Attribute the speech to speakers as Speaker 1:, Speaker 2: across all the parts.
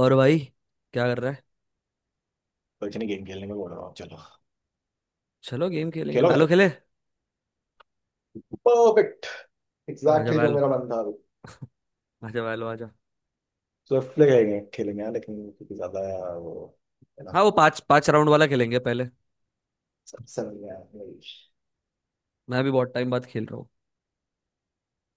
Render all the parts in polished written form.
Speaker 1: और भाई क्या कर रहा है।
Speaker 2: कुछ नहीं। गेम खेलने को बोल रहा हूँ। चलो
Speaker 1: चलो गेम खेलेंगे
Speaker 2: खेलोगे?
Speaker 1: वैलो खेले।
Speaker 2: परफेक्ट।
Speaker 1: आजा
Speaker 2: एग्जैक्टली जो
Speaker 1: वैलो,
Speaker 2: मेरा मन था अभी।
Speaker 1: आजा वैलो आजा।
Speaker 2: स्विफ्ट प्ले खेलेंगे खेलेंगे यार, लेकिन क्योंकि ज्यादा यार वो, है ना?
Speaker 1: हाँ, वो 5 5 राउंड वाला खेलेंगे पहले।
Speaker 2: सबसे बढ़िया English।
Speaker 1: मैं भी बहुत टाइम बाद खेल रहा हूँ।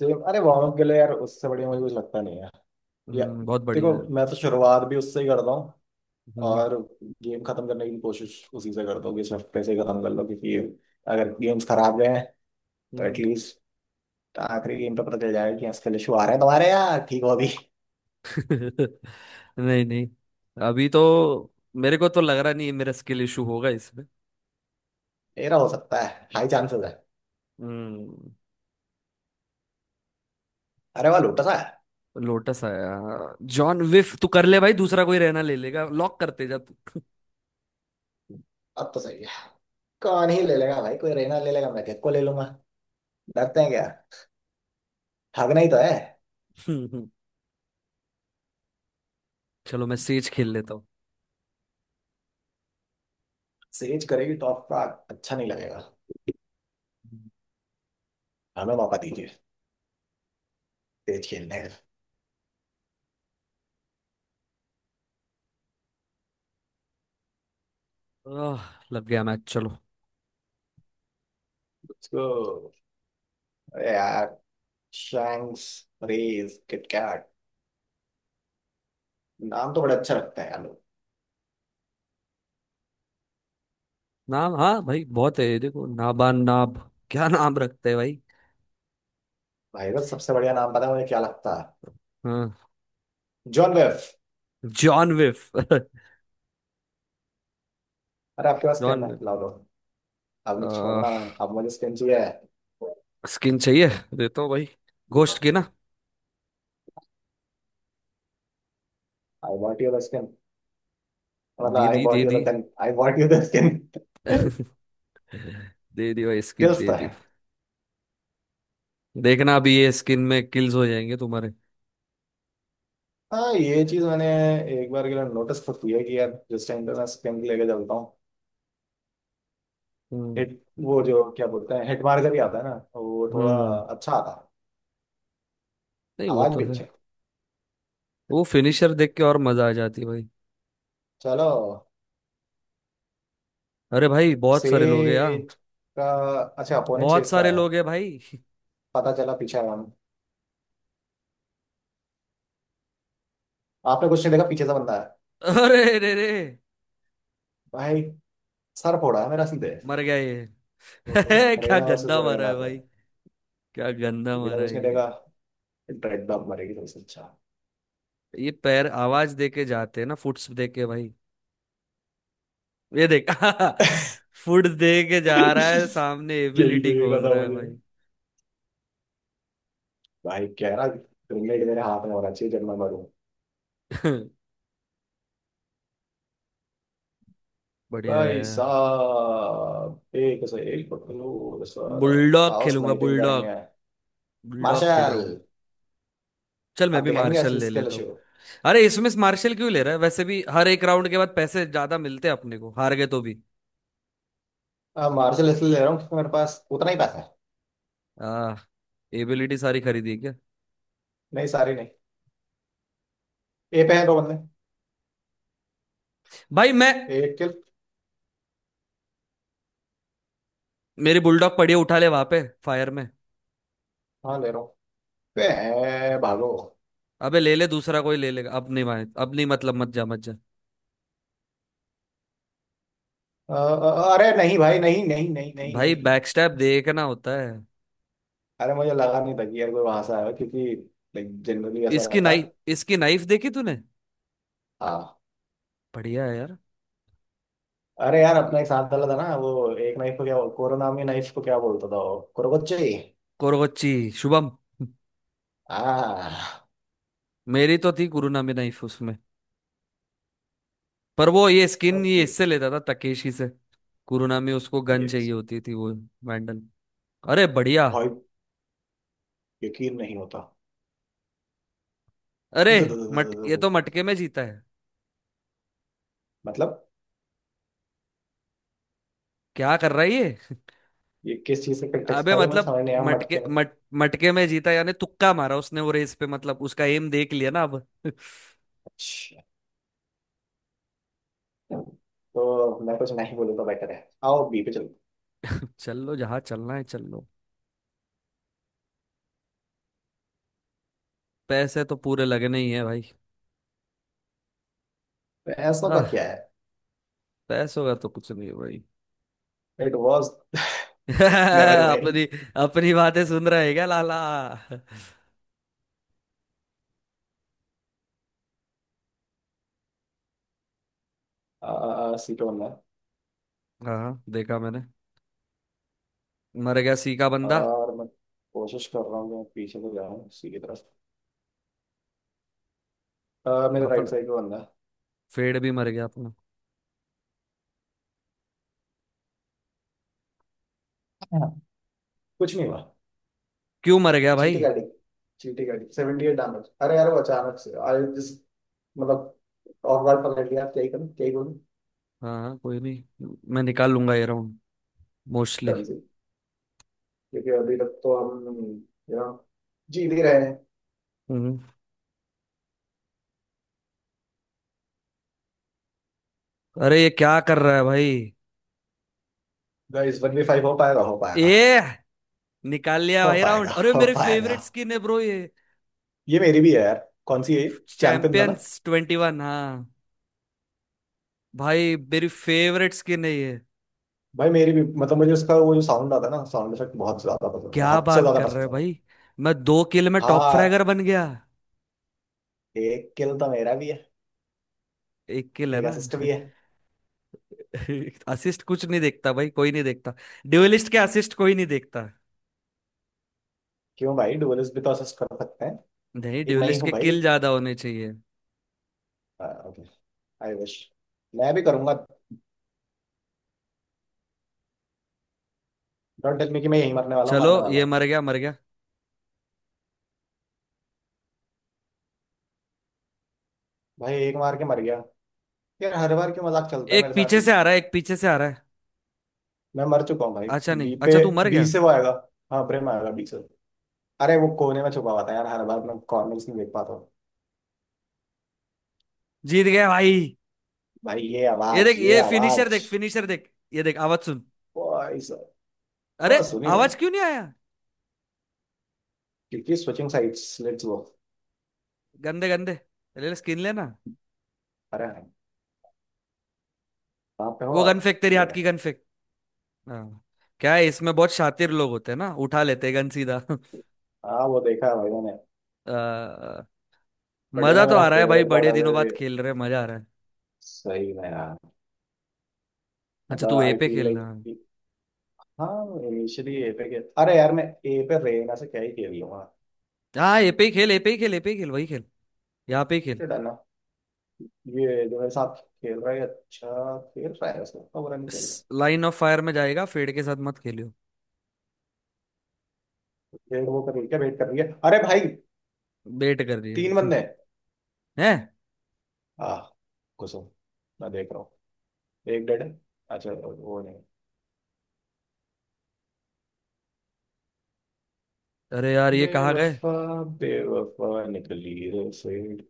Speaker 2: चलो। अरे वार्म अप के लिए यार उससे बढ़िया मुझे कुछ लगता नहीं है। या
Speaker 1: बहुत बढ़िया
Speaker 2: देखो,
Speaker 1: है।
Speaker 2: मैं तो शुरुआत भी उससे ही करता हूँ
Speaker 1: हम्म।
Speaker 2: और गेम खत्म करने की कोशिश उसी से करता हूँ कि स्विफ्ट प्ले से ही खत्म कर लो, क्योंकि अगर गेम्स खराब गए हैं तो
Speaker 1: हम्म।
Speaker 2: एटलीस्ट आखिरी गेम पे पता चल जाएगा कि इसके इशू आ रहे हैं तुम्हारे। यार ठीक हो अभी?
Speaker 1: नहीं नहीं, अभी तो मेरे को तो लग रहा नहीं है मेरा स्किल इशू होगा इसमें।
Speaker 2: मेरा हो सकता है, हाई चांसेस है।
Speaker 1: हम्म।
Speaker 2: अरे वाह लोटा सा।
Speaker 1: लोटस आया। जॉन विफ तू कर ले भाई, दूसरा कोई रहना ले लेगा, लॉक करते जा तू।
Speaker 2: अब तो सही है। कौन ही ले लेगा भाई? कोई रहना ले लेगा, मैं किसको को ले लूंगा। डरते हैं क्या? भागना ही तो है।
Speaker 1: चलो मैं सेज खेल लेता हूँ।
Speaker 2: सेज करेगी टॉप का, अच्छा नहीं लगेगा। हमें मौका दीजिए तेज खेलने का।
Speaker 1: आह, लग गया मैच। चलो
Speaker 2: उसको, अरे यार शैंक्स, रेज, किटकैट, नाम तो बड़ा अच्छा रखते हैं यार लोग।
Speaker 1: नाम, हाँ भाई बहुत है, ये देखो नाबान नाब क्या नाम रखते हैं भाई।
Speaker 2: भाई का सबसे बढ़िया नाम पता है मुझे क्या लगता है?
Speaker 1: हाँ।
Speaker 2: जॉन वेफ।
Speaker 1: जॉन विफ।
Speaker 2: अरे आपके पास
Speaker 1: जॉन
Speaker 2: स्किन है,
Speaker 1: विफ।
Speaker 2: लाओ लो। अब नहीं
Speaker 1: आ,
Speaker 2: छोड़ना मैं। अब मुझे स्किन चाहिए।
Speaker 1: स्किन चाहिए, देता हूँ भाई, गोश्त की ना।
Speaker 2: I want your skin. मतलब
Speaker 1: दे
Speaker 2: आई
Speaker 1: दी दे
Speaker 2: वॉन्ट
Speaker 1: दी,
Speaker 2: your gun, I want your skin.
Speaker 1: दे दी भाई स्किन
Speaker 2: स्किल्स
Speaker 1: दे
Speaker 2: तो
Speaker 1: दी।
Speaker 2: है।
Speaker 1: देखना अभी ये स्किन में किल्स हो जाएंगे तुम्हारे।
Speaker 2: हाँ ये चीज मैंने एक बार के लिए नोटिस तो की है कि यार जिस टाइम पे मैं स्पिन लेके चलता हूँ,
Speaker 1: हम्म।
Speaker 2: हिट, वो जो क्या बोलते हैं हिट मार्कर ही आता है ना, तो वो थोड़ा
Speaker 1: हम्म।
Speaker 2: अच्छा आता है।
Speaker 1: नहीं, वो
Speaker 2: आवाज
Speaker 1: तो
Speaker 2: भी
Speaker 1: है।
Speaker 2: अच्छी है।
Speaker 1: वो फिनिशर देख के और मजा आ जाती है भाई।
Speaker 2: चलो।
Speaker 1: अरे भाई बहुत सारे लोग हैं यार।
Speaker 2: सेज का अच्छा अपोनेंट,
Speaker 1: बहुत
Speaker 2: सेज का
Speaker 1: सारे
Speaker 2: आया।
Speaker 1: लोग हैं भाई।
Speaker 2: पता चला पीछे आया हूँ। आपने कुछ नहीं देखा, पीछे से बंदा है
Speaker 1: अरे रे रे,
Speaker 2: भाई। सर फोड़ा है मेरा सीधे।
Speaker 1: मर गया ये।
Speaker 2: ओहो।
Speaker 1: क्या
Speaker 2: रेना वर्सेस
Speaker 1: गंदा मारा
Speaker 2: रेना
Speaker 1: है
Speaker 2: पे।
Speaker 1: भाई। क्या गंदा
Speaker 2: बिना
Speaker 1: मारा
Speaker 2: कुछ
Speaker 1: है
Speaker 2: नहीं देखा।
Speaker 1: ये।
Speaker 2: ड्रेड डॉग मरेगी सबसे अच्छा।
Speaker 1: ये पैर आवाज दे के जाते हैं ना, फुट्स दे के भाई। ये देख फुट दे के जा रहा है, सामने
Speaker 2: यही
Speaker 1: एबिलिटी
Speaker 2: देख रहा
Speaker 1: खोल
Speaker 2: था
Speaker 1: रहा है
Speaker 2: मुझे।
Speaker 1: भाई।
Speaker 2: भाई कह रहा ग्रेनेड मेरे हाथ में होना चाहिए जब मैं मरूं।
Speaker 1: बढ़िया है
Speaker 2: भाई
Speaker 1: यार।
Speaker 2: साहब एक से एक पकड़ो सर।
Speaker 1: बुलडॉग
Speaker 2: आओ
Speaker 1: खेलूंगा
Speaker 2: स्नाइपिंग
Speaker 1: बुलडॉग।
Speaker 2: करेंगे,
Speaker 1: बुलडॉग खेल रहा
Speaker 2: मार्शल।
Speaker 1: हूँ। चल, मैं
Speaker 2: आप
Speaker 1: भी
Speaker 2: दिखाएंगे
Speaker 1: मार्शल
Speaker 2: असली
Speaker 1: ले
Speaker 2: स्किल
Speaker 1: लेता हूँ।
Speaker 2: शो।
Speaker 1: अरे, इसमें मार्शल क्यों ले रहा है, वैसे भी हर एक राउंड के बाद पैसे ज्यादा मिलते हैं अपने को, हार गए तो भी।
Speaker 2: अब मार्शल इसलिए ले रहा हूँ क्योंकि मेरे पास उतना ही पैसा है।
Speaker 1: आ एबिलिटी सारी खरीदी है क्या।
Speaker 2: नहीं, सारी नहीं। ए पे है दो बंदे,
Speaker 1: भाई मैं,
Speaker 2: एक किल।
Speaker 1: मेरी बुलडॉग पड़ी है, उठा ले वहां पे फायर में।
Speaker 2: हाँ ले रहा हूँ। पे है, भागो।
Speaker 1: अबे ले ले, दूसरा कोई ले लेगा, अब नहीं भाई अब नहीं, मतलब मत जा मत जा।
Speaker 2: अरे नहीं भाई, नहीं नहीं नहीं नहीं
Speaker 1: भाई
Speaker 2: नहीं।
Speaker 1: बैकस्टैप देखना होता है।
Speaker 2: अरे मुझे लगा नहीं था कि यार कोई वहां से आया हो, क्योंकि जनरली ऐसा
Speaker 1: इसकी
Speaker 2: रहता
Speaker 1: नाइफ,
Speaker 2: है।
Speaker 1: इसकी नाइफ देखी तूने।
Speaker 2: हाँ।
Speaker 1: बढ़िया है यार।
Speaker 2: अरे यार
Speaker 1: ये-
Speaker 2: अपना एक साथ डाला था ना वो, एक नाइफ को क्या कोरोना में नाइफ को क्या बोलता था वो, कुरोकोच्ची।
Speaker 1: कोरगोच्ची। शुभम,
Speaker 2: आ
Speaker 1: मेरी तो थी कुरुनामी नाइफ उसमें। पर वो ये स्किन ये
Speaker 2: ओके।
Speaker 1: इससे लेता था, तकेशी से। कुरुनामी उसको गन
Speaker 2: ये
Speaker 1: चाहिए होती थी वो। वैंडल। अरे बढ़िया।
Speaker 2: भाई, यकीन नहीं होता।
Speaker 1: अरे
Speaker 2: द- द- द-
Speaker 1: मट,
Speaker 2: द- द-
Speaker 1: ये तो
Speaker 2: द-
Speaker 1: मटके में जीता है।
Speaker 2: मतलब
Speaker 1: क्या कर रहा है ये।
Speaker 2: ये किस चीज का कंटेक्स्ट
Speaker 1: अबे
Speaker 2: था जो मुझे
Speaker 1: मतलब,
Speaker 2: समझ नहीं आया,
Speaker 1: मटके
Speaker 2: मटके में?
Speaker 1: मट मटके में जीता यानी तुक्का मारा उसने वो रेस पे, मतलब उसका एम देख लिया ना अब।
Speaker 2: अच्छा, तो मैं कुछ नहीं बोलूंगा, बेटर है। आओ बी पे चलो।
Speaker 1: चल लो जहाँ चलना है चल लो। पैसे तो पूरे लगने ही है भाई।
Speaker 2: तो ऐसा का
Speaker 1: आह
Speaker 2: क्या है?
Speaker 1: पैसों का तो कुछ नहीं है भाई।
Speaker 2: इट वाज, नेवर
Speaker 1: अपनी
Speaker 2: माइंड।
Speaker 1: अपनी बातें सुन रहे हैं क्या लाला।
Speaker 2: सी पे बनना है।
Speaker 1: हाँ देखा मैंने। मर गया सी का बंदा।
Speaker 2: और मैं कोशिश कर रहा हूँ कि मैं पीछे को जाऊँ सी की तरफ। मेरे राइट
Speaker 1: अपन
Speaker 2: साइड पे बनना
Speaker 1: फेड भी मर गया अपना।
Speaker 2: है। कुछ नहीं हुआ।
Speaker 1: क्यों मर गया भाई।
Speaker 2: चीटी गाड़ी, चीटी गाड़ी 78 डैमेज, अरे यार वो अचानक से आई जस्ट, मतलब ऑफ गार्ड पकड़ लिया, क्या ही करूं क्या ही बोलूं।
Speaker 1: हाँ हाँ कोई नहीं, मैं निकाल लूंगा ये राउंड, मोस्टली।
Speaker 2: डन सी, क्योंकि अभी तक तो हम यू नो जीत ही रहे हैं।
Speaker 1: हम्म। अरे ये क्या कर रहा है भाई।
Speaker 2: गाइस 1v5 हो पाएगा? हो पाएगा,
Speaker 1: ए, निकाल लिया
Speaker 2: हो
Speaker 1: भाई राउंड।
Speaker 2: पाएगा,
Speaker 1: अरे
Speaker 2: हो
Speaker 1: मेरे
Speaker 2: पाएगा।
Speaker 1: फेवरेट स्किन है ब्रो ये।
Speaker 2: ये मेरी भी है यार। कौन सी है? चैंपियंस है ना?
Speaker 1: चैंपियंस 21, हाँ। भाई मेरी फेवरेट स्किन है ये।
Speaker 2: भाई मेरी भी, मतलब मुझे उसका वो जो साउंड आता है ना, साउंड इफेक्ट बहुत ज्यादा पसंद है,
Speaker 1: क्या
Speaker 2: हद से
Speaker 1: बात
Speaker 2: ज्यादा
Speaker 1: कर रहे
Speaker 2: पसंद
Speaker 1: हो
Speaker 2: है भाई।
Speaker 1: भाई, मैं 2 किल में टॉप
Speaker 2: हाँ,
Speaker 1: फ्रैगर बन गया।
Speaker 2: एक किल तो मेरा भी है।
Speaker 1: 1 किल है
Speaker 2: एक
Speaker 1: ना।
Speaker 2: असिस्ट भी है।
Speaker 1: असिस्ट कुछ नहीं देखता भाई, कोई नहीं देखता। ड्यूलिस्ट के असिस्ट कोई नहीं देखता।
Speaker 2: क्यों भाई, डुअलिस्ट भी तो असिस्ट कर सकते हैं।
Speaker 1: नहीं,
Speaker 2: एक मैं ही
Speaker 1: ड्यूलिस्ट
Speaker 2: हूँ
Speaker 1: के
Speaker 2: भाई।
Speaker 1: किल ज्यादा होने चाहिए।
Speaker 2: जी। आई विश मैं भी करूंगा। डोंट टेल मी कि मैं यही मरने वाला हूँ, मरने
Speaker 1: चलो
Speaker 2: वाला
Speaker 1: ये
Speaker 2: हूँ।
Speaker 1: मर गया मर गया।
Speaker 2: भाई एक मार के मर गया। यार हर बार क्यों मजाक चलता है
Speaker 1: एक
Speaker 2: मेरे साथ
Speaker 1: पीछे
Speaker 2: ही।
Speaker 1: से आ रहा है, एक पीछे से आ रहा है।
Speaker 2: मैं मर चुका हूँ भाई।
Speaker 1: अच्छा,
Speaker 2: बी
Speaker 1: नहीं,
Speaker 2: पे,
Speaker 1: अच्छा तू मर
Speaker 2: बी
Speaker 1: गया।
Speaker 2: से वो आएगा। हाँ, प्रेम आएगा बी से। अरे वो कोने में छुपा हुआ था यार, हर बार मैं कॉर्नर्स नहीं देख पाता हूँ।
Speaker 1: जीत गया भाई।
Speaker 2: भाई ये
Speaker 1: ये
Speaker 2: आवाज,
Speaker 1: देख,
Speaker 2: ये
Speaker 1: ये फिनिशर
Speaker 2: आवाज।
Speaker 1: देख, फिनिशर देख, ये देख आवाज सुन।
Speaker 2: भाई साहब।
Speaker 1: अरे,
Speaker 2: हाँ सुनी मैंने।
Speaker 1: आवाज क्यों नहीं आया।
Speaker 2: क्योंकि स्विचिंग साइट्स, लेट्स गो।
Speaker 1: गंदे गंदे। ले ले स्किन लेना।
Speaker 2: अरे हाँ, कहाँ पे हो
Speaker 1: वो गन
Speaker 2: आप?
Speaker 1: फेंक, तेरी
Speaker 2: ये
Speaker 1: हाथ
Speaker 2: रहे।
Speaker 1: की गन फेंक। हाँ। क्या है इसमें बहुत शातिर लोग होते हैं ना, उठा लेते हैं गन सीधा।
Speaker 2: हाँ वो देखा है भाई मैंने।
Speaker 1: अ,
Speaker 2: बट
Speaker 1: मजा तो
Speaker 2: मेरा
Speaker 1: आ रहा है भाई,
Speaker 2: फेवरेट पार्ट
Speaker 1: बड़े
Speaker 2: अभी
Speaker 1: दिनों बाद
Speaker 2: भी-
Speaker 1: खेल रहे हैं, मजा आ रहा है।
Speaker 2: सही में यार।
Speaker 1: अच्छा
Speaker 2: मतलब
Speaker 1: तू ए
Speaker 2: आई
Speaker 1: पे
Speaker 2: फील
Speaker 1: खेल
Speaker 2: लाइक,
Speaker 1: रहा है।
Speaker 2: हाँ इनिशियली ए पे खेल। अरे यार मैं ए पे रेना से क्या ही खेल लूंगा।
Speaker 1: हाँ ए पे ही खेल, ए पे ही खेल, ए पे ही खेल वही खेल। यहाँ पे ही खेल।
Speaker 2: ये डालना। ये जो मेरे साथ खेल रहा है अच्छा खेल रहा है, उसको, इतना बुरा नहीं खेल रहा।
Speaker 1: लाइन ऑफ फायर में जाएगा, फेड के साथ मत खेलियो।
Speaker 2: वेट, वो कर रही है क्या? वेट कर रही है? अरे भाई,
Speaker 1: बेट कर रही है।
Speaker 2: तीन बंदे हैं।
Speaker 1: हैं?
Speaker 2: आ घुसो। मैं देख रहा हूँ, एक डेड है। अच्छा वो नहीं।
Speaker 1: अरे यार ये कहाँ गए।
Speaker 2: बेवफा, बेवफा निकली रे फिर।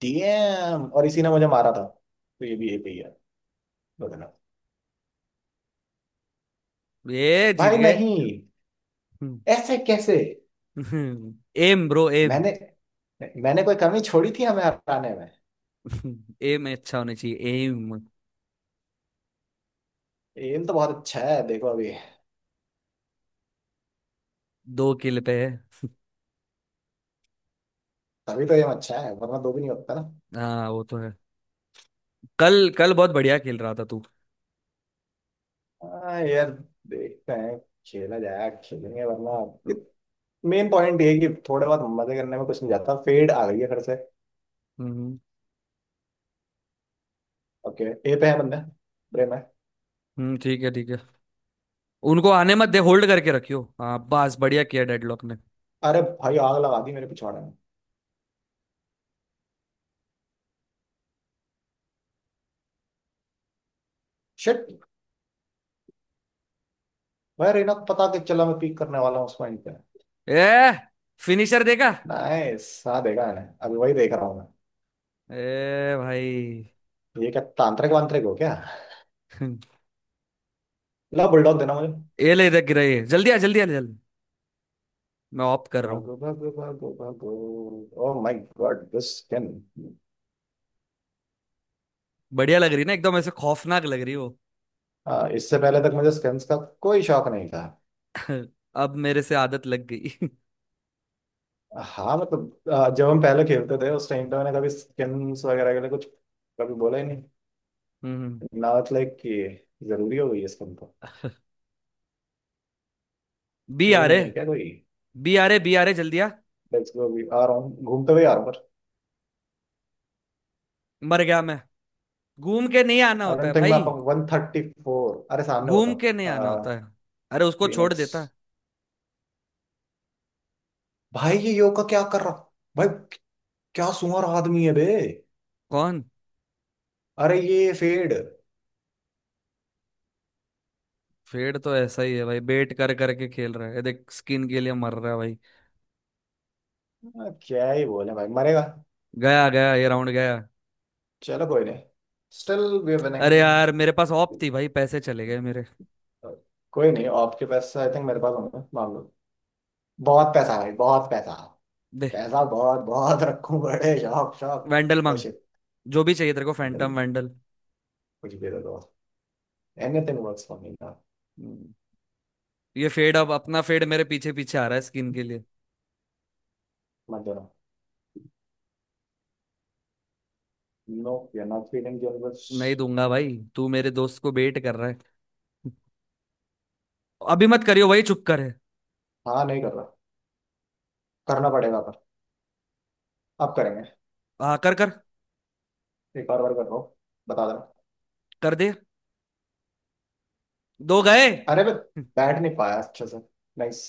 Speaker 2: डीएम, और इसी ने मुझे मारा था, तो ये भी ए पे ही है। बताना।
Speaker 1: ये जीत
Speaker 2: भाई
Speaker 1: गए।
Speaker 2: नहीं, ऐसे कैसे?
Speaker 1: M bro um.
Speaker 2: मैंने मैंने कोई कमी छोड़ी थी हमें हराने में?
Speaker 1: एम अच्छा होना चाहिए। एम
Speaker 2: एम तो बहुत अच्छा है देखो अभी।
Speaker 1: 2 किल पे है।
Speaker 2: तभी तो एम अच्छा है, वरना दो भी नहीं होता ना।
Speaker 1: हाँ वो तो है। कल कल बहुत बढ़िया खेल रहा था तू।
Speaker 2: हाँ यार, देखते हैं। खेला जाए खेलेंगे, वरना मेन पॉइंट ये है कि थोड़े बहुत मजे करने में कुछ नहीं जाता। फेड आ गई है घर से।
Speaker 1: हम्म।
Speaker 2: ओके। ए पे है बंदा, प्रेम है।
Speaker 1: ठीक है ठीक है। उनको आने मत दे, होल्ड करके रखियो। हाँ बस बढ़िया किया डेडलॉक ने।
Speaker 2: अरे भाई आग लगा दी मेरे पिछवाड़े में। शिट। भाई रेना को पता कि चला मैं पीक करने वाला हूँ उस पॉइंट पे।
Speaker 1: ए, फिनिशर देखा।
Speaker 2: नाइस, हाँ देखा मैंने, अभी वही देख रहा हूँ।
Speaker 1: ए भाई।
Speaker 2: मैं, ये क्या तांत्रिक वांत्रिक हो क्या? ला बुलडॉग देना मुझे।
Speaker 1: ए ले, इधर गिरा ये, जल्दी आ जल्दी आ जल्दी। मैं ऑफ कर रहा हूँ।
Speaker 2: भागो भागो भागो भागो। Oh my god, this skin.
Speaker 1: बढ़िया लग रही ना, एकदम ऐसे खौफनाक लग रही हो।
Speaker 2: इससे पहले तक मुझे स्किन्स का कोई शौक नहीं था।
Speaker 1: अब मेरे से आदत लग गई।
Speaker 2: हाँ मतलब जब हम पहले खेलते थे उस टाइम पे, मैंने कभी स्किन्स वगैरह के लिए कुछ कभी बोला ही नहीं।
Speaker 1: हम्म।
Speaker 2: नॉट लाइक कि जरूरी हो गई है स्किन तो।
Speaker 1: बी आ
Speaker 2: ये
Speaker 1: रहे,
Speaker 2: नहीं है क्या कोई?
Speaker 1: बी आ रहे, बी आ रहे जल्दी आ।
Speaker 2: लेट्स गो, अभी आ रहा हूँ, घूमते हुए आ रहा हूँ।
Speaker 1: मर गया मैं। घूम के नहीं आना
Speaker 2: पर
Speaker 1: होता है
Speaker 2: अनंत में आप
Speaker 1: भाई,
Speaker 2: 134, अरे सामने होता।
Speaker 1: घूम के नहीं आना होता है। अरे उसको छोड़
Speaker 2: फिनिक्स,
Speaker 1: देता।
Speaker 2: भाई ये योगा क्या कर रहा? भाई, क्या सुअर आदमी है बे।
Speaker 1: कौन।
Speaker 2: अरे ये फेड।
Speaker 1: फेड तो ऐसा ही है भाई, बेट कर करके खेल रहा है, ये देख स्किन के लिए मर रहा है भाई।
Speaker 2: क्या ही बोले भाई, मरेगा।
Speaker 1: गया गया ये राउंड गया।
Speaker 2: चलो कोई नहीं, स्टिल वी आर विनिंग।
Speaker 1: अरे यार, मेरे पास ऑप थी भाई, पैसे चले गए मेरे।
Speaker 2: कोई नहीं, आपके पास, आई थिंक मेरे पास होंगे, मान लो। बहुत पैसा है भाई, बहुत पैसा।
Speaker 1: दे।
Speaker 2: पैसा बहुत, बहुत रखूं, बड़े शौक
Speaker 1: वैंडल
Speaker 2: शौक। ओ
Speaker 1: मांग,
Speaker 2: शिट।
Speaker 1: जो भी चाहिए तेरे को,
Speaker 2: कुछ
Speaker 1: फैंटम वैंडल।
Speaker 2: भी दे दो। एनीथिंग वर्क्स फॉर मी ना।
Speaker 1: हम्म, ये फेड, अब अपना फेड मेरे पीछे पीछे आ रहा है स्किन के लिए।
Speaker 2: मत देना। No we are not feeling your बस।
Speaker 1: नहीं दूंगा भाई, तू मेरे दोस्त को बेट कर रहा है। अभी मत करियो भाई, चुप कर है।
Speaker 2: हाँ नहीं कर रहा। करना पड़ेगा पर, अब करेंगे।
Speaker 1: आ कर, कर,
Speaker 2: एक और बार कर रहा हूँ, बता देना।
Speaker 1: कर दे। दो गए।
Speaker 2: अरे मैं बैठ नहीं पाया अच्छे से। नाइस,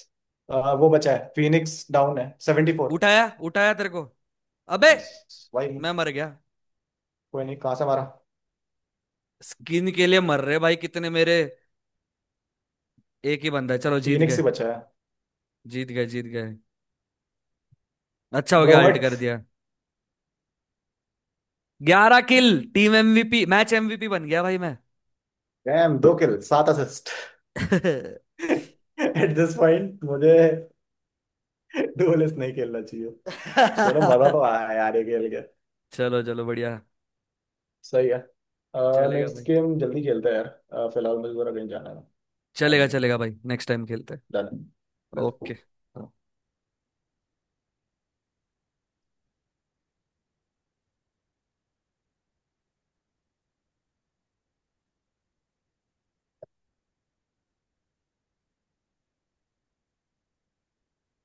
Speaker 2: वो बचा है, फिनिक्स डाउन है 74।
Speaker 1: उठाया, उठाया तेरे को। अबे
Speaker 2: नाइस। भाई
Speaker 1: मैं मर गया।
Speaker 2: कोई नहीं, कहाँ से मारा?
Speaker 1: स्किन के लिए मर रहे भाई कितने मेरे। एक ही बंदा है, चलो जीत
Speaker 2: फिनिक्स
Speaker 1: गए।
Speaker 2: ही बचा है।
Speaker 1: जीत गए जीत गए। अच्छा हो गया,
Speaker 2: ब्रो,
Speaker 1: अल्ट कर दिया। 11 किल। टीम एमवीपी, मैच एमवीपी बन गया भाई मैं।
Speaker 2: डैम, दो किल सात असिस्ट। एट दिस पॉइंट मुझे डुएलिस्ट नहीं खेलना चाहिए। चलो मजा तो आया यार ये खेल के।
Speaker 1: चलो चलो बढ़िया।
Speaker 2: सही है।
Speaker 1: चलेगा
Speaker 2: नेक्स्ट
Speaker 1: भाई।
Speaker 2: गेम जल्दी खेलते हैं यार। फिलहाल मुझे जरा कहीं जाना है।
Speaker 1: चलेगा चलेगा भाई, नेक्स्ट टाइम खेलते हैं।
Speaker 2: Done,
Speaker 1: okay.
Speaker 2: बिल्कुल।